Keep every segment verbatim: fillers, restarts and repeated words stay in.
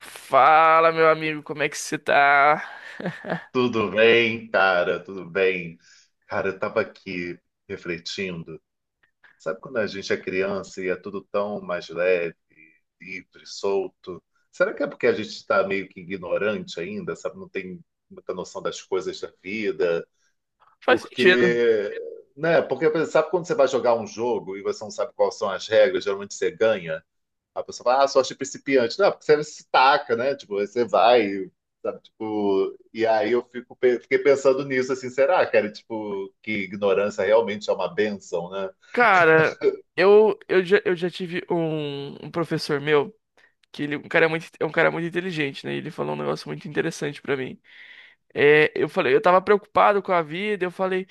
Fala, meu amigo, como é que você tá? Tudo bem, cara? Tudo bem? Cara, eu tava aqui refletindo. Sabe quando a gente é criança e é tudo tão mais leve, livre, solto? Será que é porque a gente está meio que ignorante ainda, sabe? Não tem muita noção das coisas da vida? Faz sentido. Porque, né? Porque sabe quando você vai jogar um jogo e você não sabe quais são as regras, geralmente você ganha? A pessoa fala, ah, sorte principiante. Não, porque você se taca, né? Tipo, aí você vai, sabe? Tipo, e aí eu fico, pe- fiquei pensando nisso, assim, será, cara? Tipo, que ignorância realmente é uma bênção, né? Cara, eu, eu, já, eu já tive um, um professor meu, que ele é um cara muito, é um cara muito inteligente, né? Ele falou um negócio muito interessante pra mim. É, eu falei, eu tava preocupado com a vida, eu falei,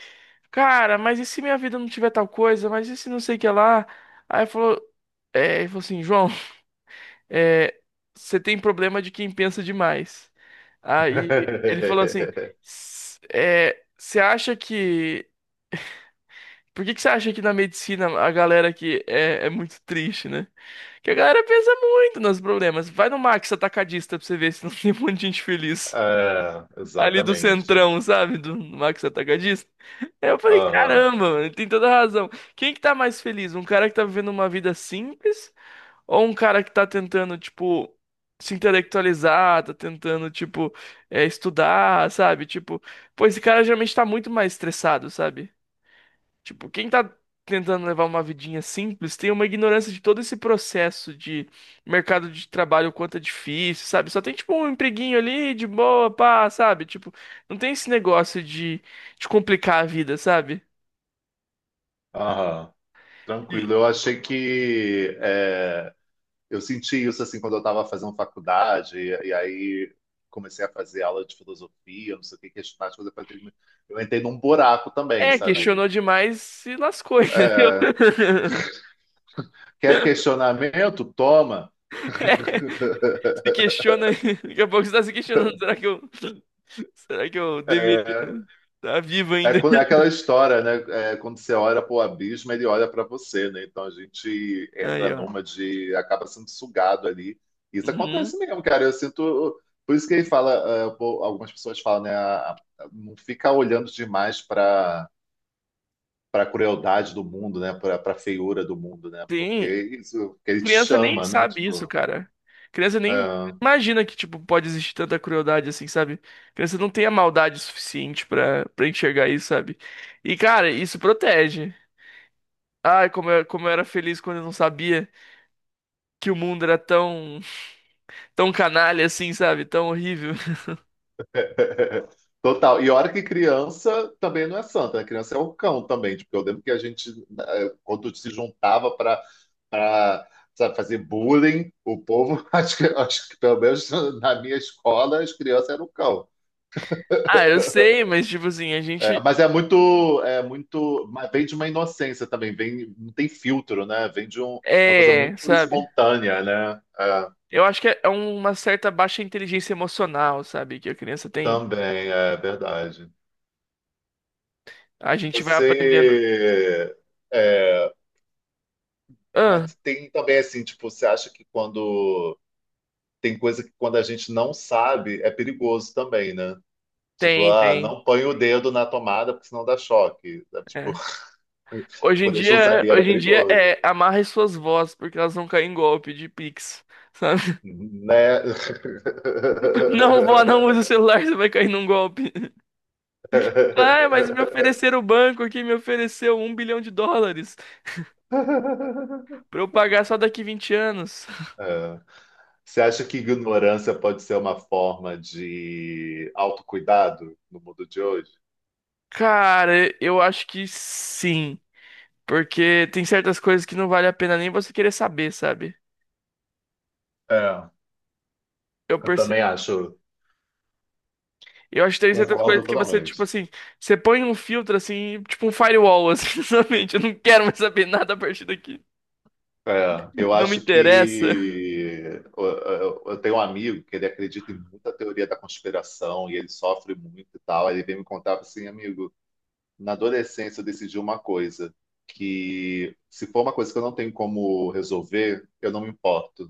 cara, mas e se minha vida não tiver tal coisa? Mas e se não sei o que lá? Aí ele falou, é, ele falou assim, João. é, Você tem problema de quem pensa demais. Aí ele falou assim, "S- é, Você acha que... Por que que você acha que na medicina a galera aqui é, é muito triste, né? Que a galera pensa muito nos problemas. Vai no Max Atacadista pra você ver se não tem um monte de gente feliz. É, Ali do exatamente. centrão, sabe? Do Max Atacadista. Aí eu falei, Aham, caramba, mano, ele tem toda razão. Quem que tá mais feliz? Um cara que tá vivendo uma vida simples ou um cara que tá tentando, tipo, se intelectualizar, tá tentando, tipo, é, estudar, sabe? Tipo, pô, esse cara geralmente tá muito mais estressado, sabe? Tipo, quem tá tentando levar uma vidinha simples tem uma ignorância de todo esse processo de mercado de trabalho, o quanto é difícil, sabe? Só tem, tipo, um empreguinho ali, de boa, pá, sabe? Tipo, não tem esse negócio de, de complicar a vida, sabe? aham. Tranquilo. E- Eu achei que é, eu senti isso assim quando eu estava fazendo faculdade, e, e aí comecei a fazer aula de filosofia, não sei o que, questionar as coisas. Eu falei, "Meu", eu entrei num buraco também, É, sabe? questionou demais e lascou, entendeu? É. Quer questionamento? Toma. É. Se questiona, daqui a pouco você tá se questionando, será que eu, será que eu deveria É, estar vivo é ainda? quando- é aquela história, né? É, quando você olha para o abismo, ele olha para você, né? Então a gente Aí, entra ó. numa de, acaba sendo sugado ali. Isso Uhum. acontece mesmo, cara. Eu sinto. Por isso que ele fala, é, pô, algumas pessoas falam, né? a- a- não fica olhando demais para para a crueldade do mundo, né? Para a feiura do mundo, né? Tem. Porque isso que ele te Criança nem chama, né? sabe isso, Tipo. cara. Criança nem É, imagina que, tipo, pode existir tanta crueldade assim, sabe? Criança não tem a maldade suficiente pra, pra enxergar isso, sabe? E, cara, isso protege. Ai, como eu, como eu era feliz quando eu não sabia que o mundo era tão, tão canalha assim, sabe? Tão horrível. total. E hora que criança também não é santa, né? Criança é o cão também. Tipo, eu lembro que a gente, eh, quando se juntava para fazer bullying, o povo, acho que, acho que pelo menos na minha escola, as crianças eram o cão. Ah, eu sei, mas, tipo assim, a É, gente. mas é muito, é muito, mas vem de uma inocência também, vem, não tem filtro, né? Vem de um- uma coisa É, muito sabe? espontânea, né? É, Eu acho que é é uma certa baixa inteligência emocional, sabe? Que a criança tem. também, é verdade. A gente vai aprendendo. Você, é, Ah, Mas tem também assim, tipo, você acha que quando tem coisa que quando a gente não sabe é perigoso também, né? Tipo, tem, ah, tem. não põe o dedo na tomada porque senão dá choque, sabe? Tipo, É. Hoje em quando a gente não dia, sabia era hoje em dia perigoso, é amarre suas vozes, porque elas vão cair em golpe de Pix, sabe? né? Não, vó, não use o celular, você vai cair num golpe. Ah, mas me ofereceram o banco aqui, me ofereceu um bilhão de dólares pra eu pagar só daqui vinte anos. É. Você acha que ignorância pode ser uma forma de autocuidado no mundo de hoje? Cara, eu acho que sim. Porque tem certas coisas que não vale a pena nem você querer saber, sabe? É, Eu eu também acho. Eu acho que tem certas coisas Concordo que você, tipo totalmente. assim, você põe um filtro assim, tipo um firewall, assim, na. Eu não quero mais saber nada a partir daqui. É, eu Não me acho interessa. que eu, eu- eu tenho um amigo que ele acredita em muita teoria da conspiração e ele sofre muito e tal. Aí ele veio me contar assim, amigo, na adolescência eu decidi uma coisa, que se for uma coisa que eu não tenho como resolver, eu não me importo.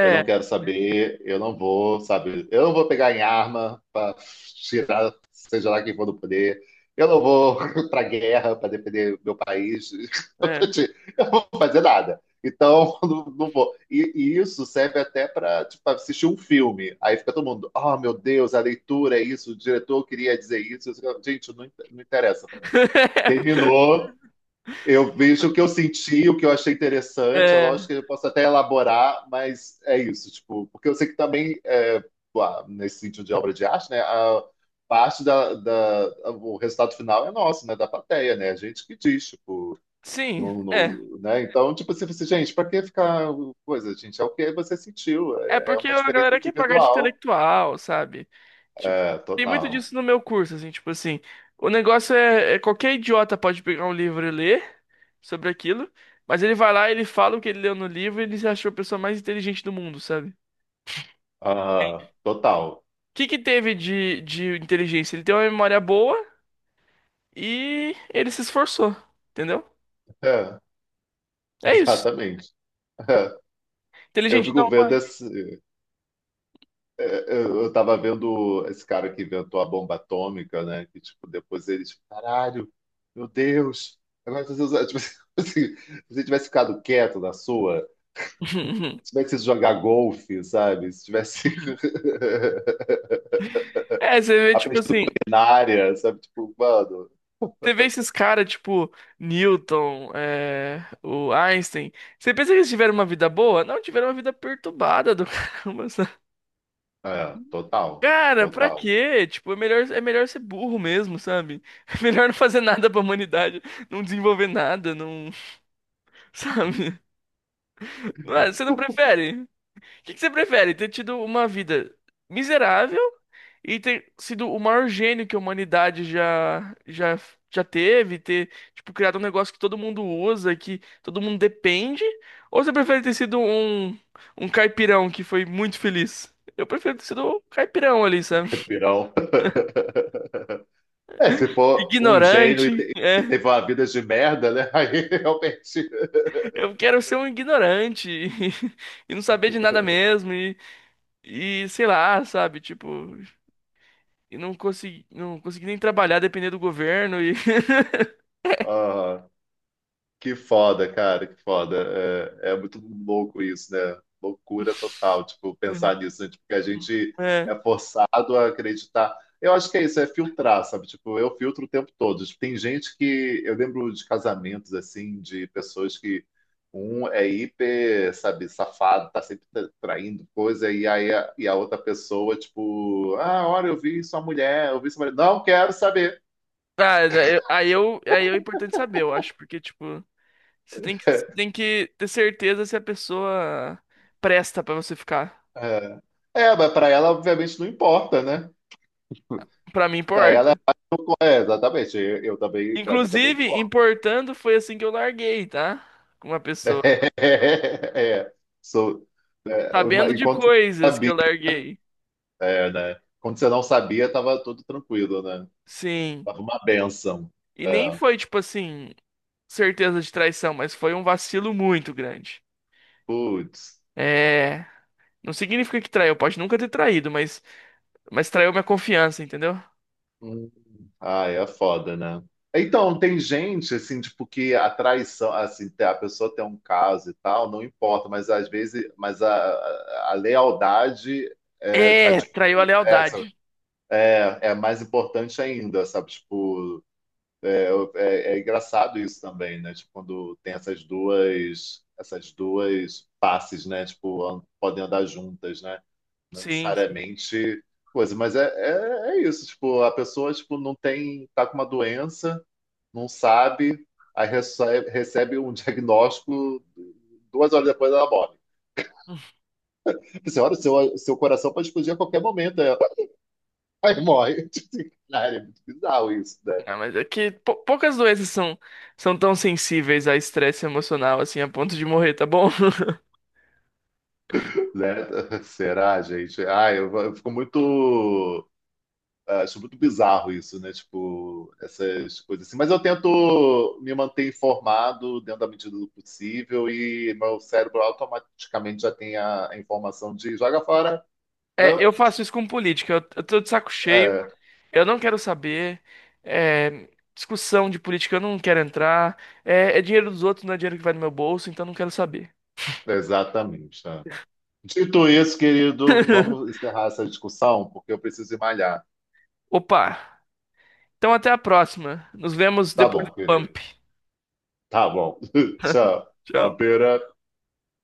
Eu não quero saber, eu não vou, sabe? Eu não vou pegar em arma para tirar, seja lá quem for do poder. Eu não vou para guerra para defender meu país. é. Eu não vou fazer nada. Então, não, não vou. E, e isso serve até para tipo, assistir um filme. Aí fica todo mundo, oh meu Deus, a leitura é isso, o diretor queria dizer isso. Eu digo, gente, não, in- não interessa para mim. Terminou, eu vejo o que eu senti, o que eu achei interessante. É lógico É, que eu posso até elaborar, mas é isso, tipo, porque eu sei que também, é, lá, nesse sentido de obra de arte, né, a parte da, da- o resultado final é nosso, né, da plateia, né, a gente que diz, tipo, sim, no, é. no- né, então, tipo, assim, você, gente, para que ficar coisa, gente, é o que você sentiu, É é, é porque uma a experiência galera quer pagar de individual, intelectual, sabe? Tipo, é, tem muito total. disso no meu curso, assim, tipo assim, o negócio é, é qualquer idiota pode pegar um livro e ler sobre aquilo, mas ele vai lá, ele fala o que ele leu no livro e ele se achou a pessoa mais inteligente do mundo, sabe? Aham, total. que que teve de, de inteligência? Ele tem uma memória boa e ele se esforçou, entendeu? É, É isso. exatamente. É. Eu Inteligente fico não. vendo esse, É, é, Eu eu tava vendo esse cara que inventou a bomba atômica, né? Que, tipo, depois ele, tipo, caralho, meu Deus, agora se você, usar- tipo, assim, se você tivesse ficado quieto na sua, se tivesse ido jogar golfe, sabe? Se tivesse É, você vê, tipo aprendido assim, culinária, sabe? Tipo, mano, você vê esses caras, tipo, Newton, é, o Einstein. Você pensa que eles tiveram uma vida boa? Não, tiveram uma vida perturbada do caramba, sabe? é, total, Cara, pra total, quê? Tipo, é melhor, é melhor ser burro mesmo, sabe? É melhor não fazer nada pra humanidade, não desenvolver nada, não, sabe? Não é? Você não prefere? O que que você prefere? Ter tido uma vida miserável e ter sido o maior gênio que a humanidade já, já, já teve, ter, tipo, criado um negócio que todo mundo usa, que todo mundo depende? Ou você prefere ter sido um, um caipirão que foi muito feliz? Eu prefiro ter sido um caipirão ali, sabe? pirão. É, se for um gênio e Ignorante, te- e é. teve uma vida de merda, né? Aí, realmente. Eu quero ser um ignorante e, e não saber de nada mesmo e, e sei lá, sabe? Tipo, e não consegui, não consegui nem trabalhar, depender do governo. E Ah. Que foda, cara, que foda. É, é muito louco isso, né? Loucura total, tipo, pensar nisso, né? Tipo, que a gente é. É. é forçado a acreditar. Eu acho que é isso, é filtrar, sabe? Tipo, eu filtro o tempo todo. Tipo, tem gente que. Eu lembro de casamentos, assim, de pessoas que um é hiper, sabe, safado, tá sempre tra- traindo coisa, e aí a, e a outra pessoa, tipo, ah, olha, eu vi sua mulher, eu vi sua mulher. Não quero saber. Ah, é, eu- aí eu, aí é importante saber, eu acho, porque, tipo, você tem que, você tem que ter certeza se a pessoa presta pra você ficar. É, é mas pra ela, obviamente, não importa, né? Pra mim, Para ela, importa. é, exatamente. Eu, eu também, para mim também Inclusive, importa. importando foi assim que eu larguei, tá? Com uma pessoa. é. sou, é, uma- Sabendo de enquanto você não coisas que sabia, eu larguei. é, né? Quando você não sabia, estava tudo tranquilo, né? Sim. Tava uma bênção. E nem É. foi, tipo assim, certeza de traição, mas foi um vacilo muito grande. Putz. É. Não significa que traiu, pode nunca ter traído, mas, mas traiu minha confiança, entendeu? Hum. Ah, é foda, né? Então, tem gente, assim, tipo, que a traição, assim, a pessoa tem um caso e tal, não importa, mas às vezes, mas a, a a lealdade é, tá, É, dif- traiu a é, lealdade. é é mais importante ainda, sabe? Tipo, é, é, é engraçado isso também, né? Tipo, quando tem essas duas, essas duas passes, né? Tipo, an- podem andar juntas, né? Não Sim, sim. necessariamente coisa, mas é, é, é isso. Tipo, a pessoa, tipo, não tem, tá com uma doença, não sabe, aí recebe, recebe um diagnóstico, duas horas depois ela morre. Você olha, seu, seu coração pode explodir a qualquer momento, aí ela- aí morre. Cara, é muito bizarro isso, né? Ah, mas é que pou- poucas doenças são, são tão sensíveis a estresse emocional assim a ponto de morrer, tá bom? Né? Será, gente? Ah, eu, eu fico muito. ah, Acho muito bizarro isso, né? Tipo, essas coisas assim. Mas eu tento me manter informado dentro da medida do possível e meu cérebro automaticamente já tem a, a informação de joga fora. É, Não? eu faço isso com política. Eu, eu tô de saco cheio. É, Eu não quero saber. É, discussão de política, eu não quero entrar. É, é dinheiro dos outros, não é dinheiro que vai no meu bolso, então não quero saber. exatamente. Né? Dito isso, querido, vamos encerrar essa discussão, porque eu preciso ir malhar. Opa. Então até a próxima. Nos vemos Tá depois bom, do querido. pump. Tá bom. Tchau. Tchau. Uma pera.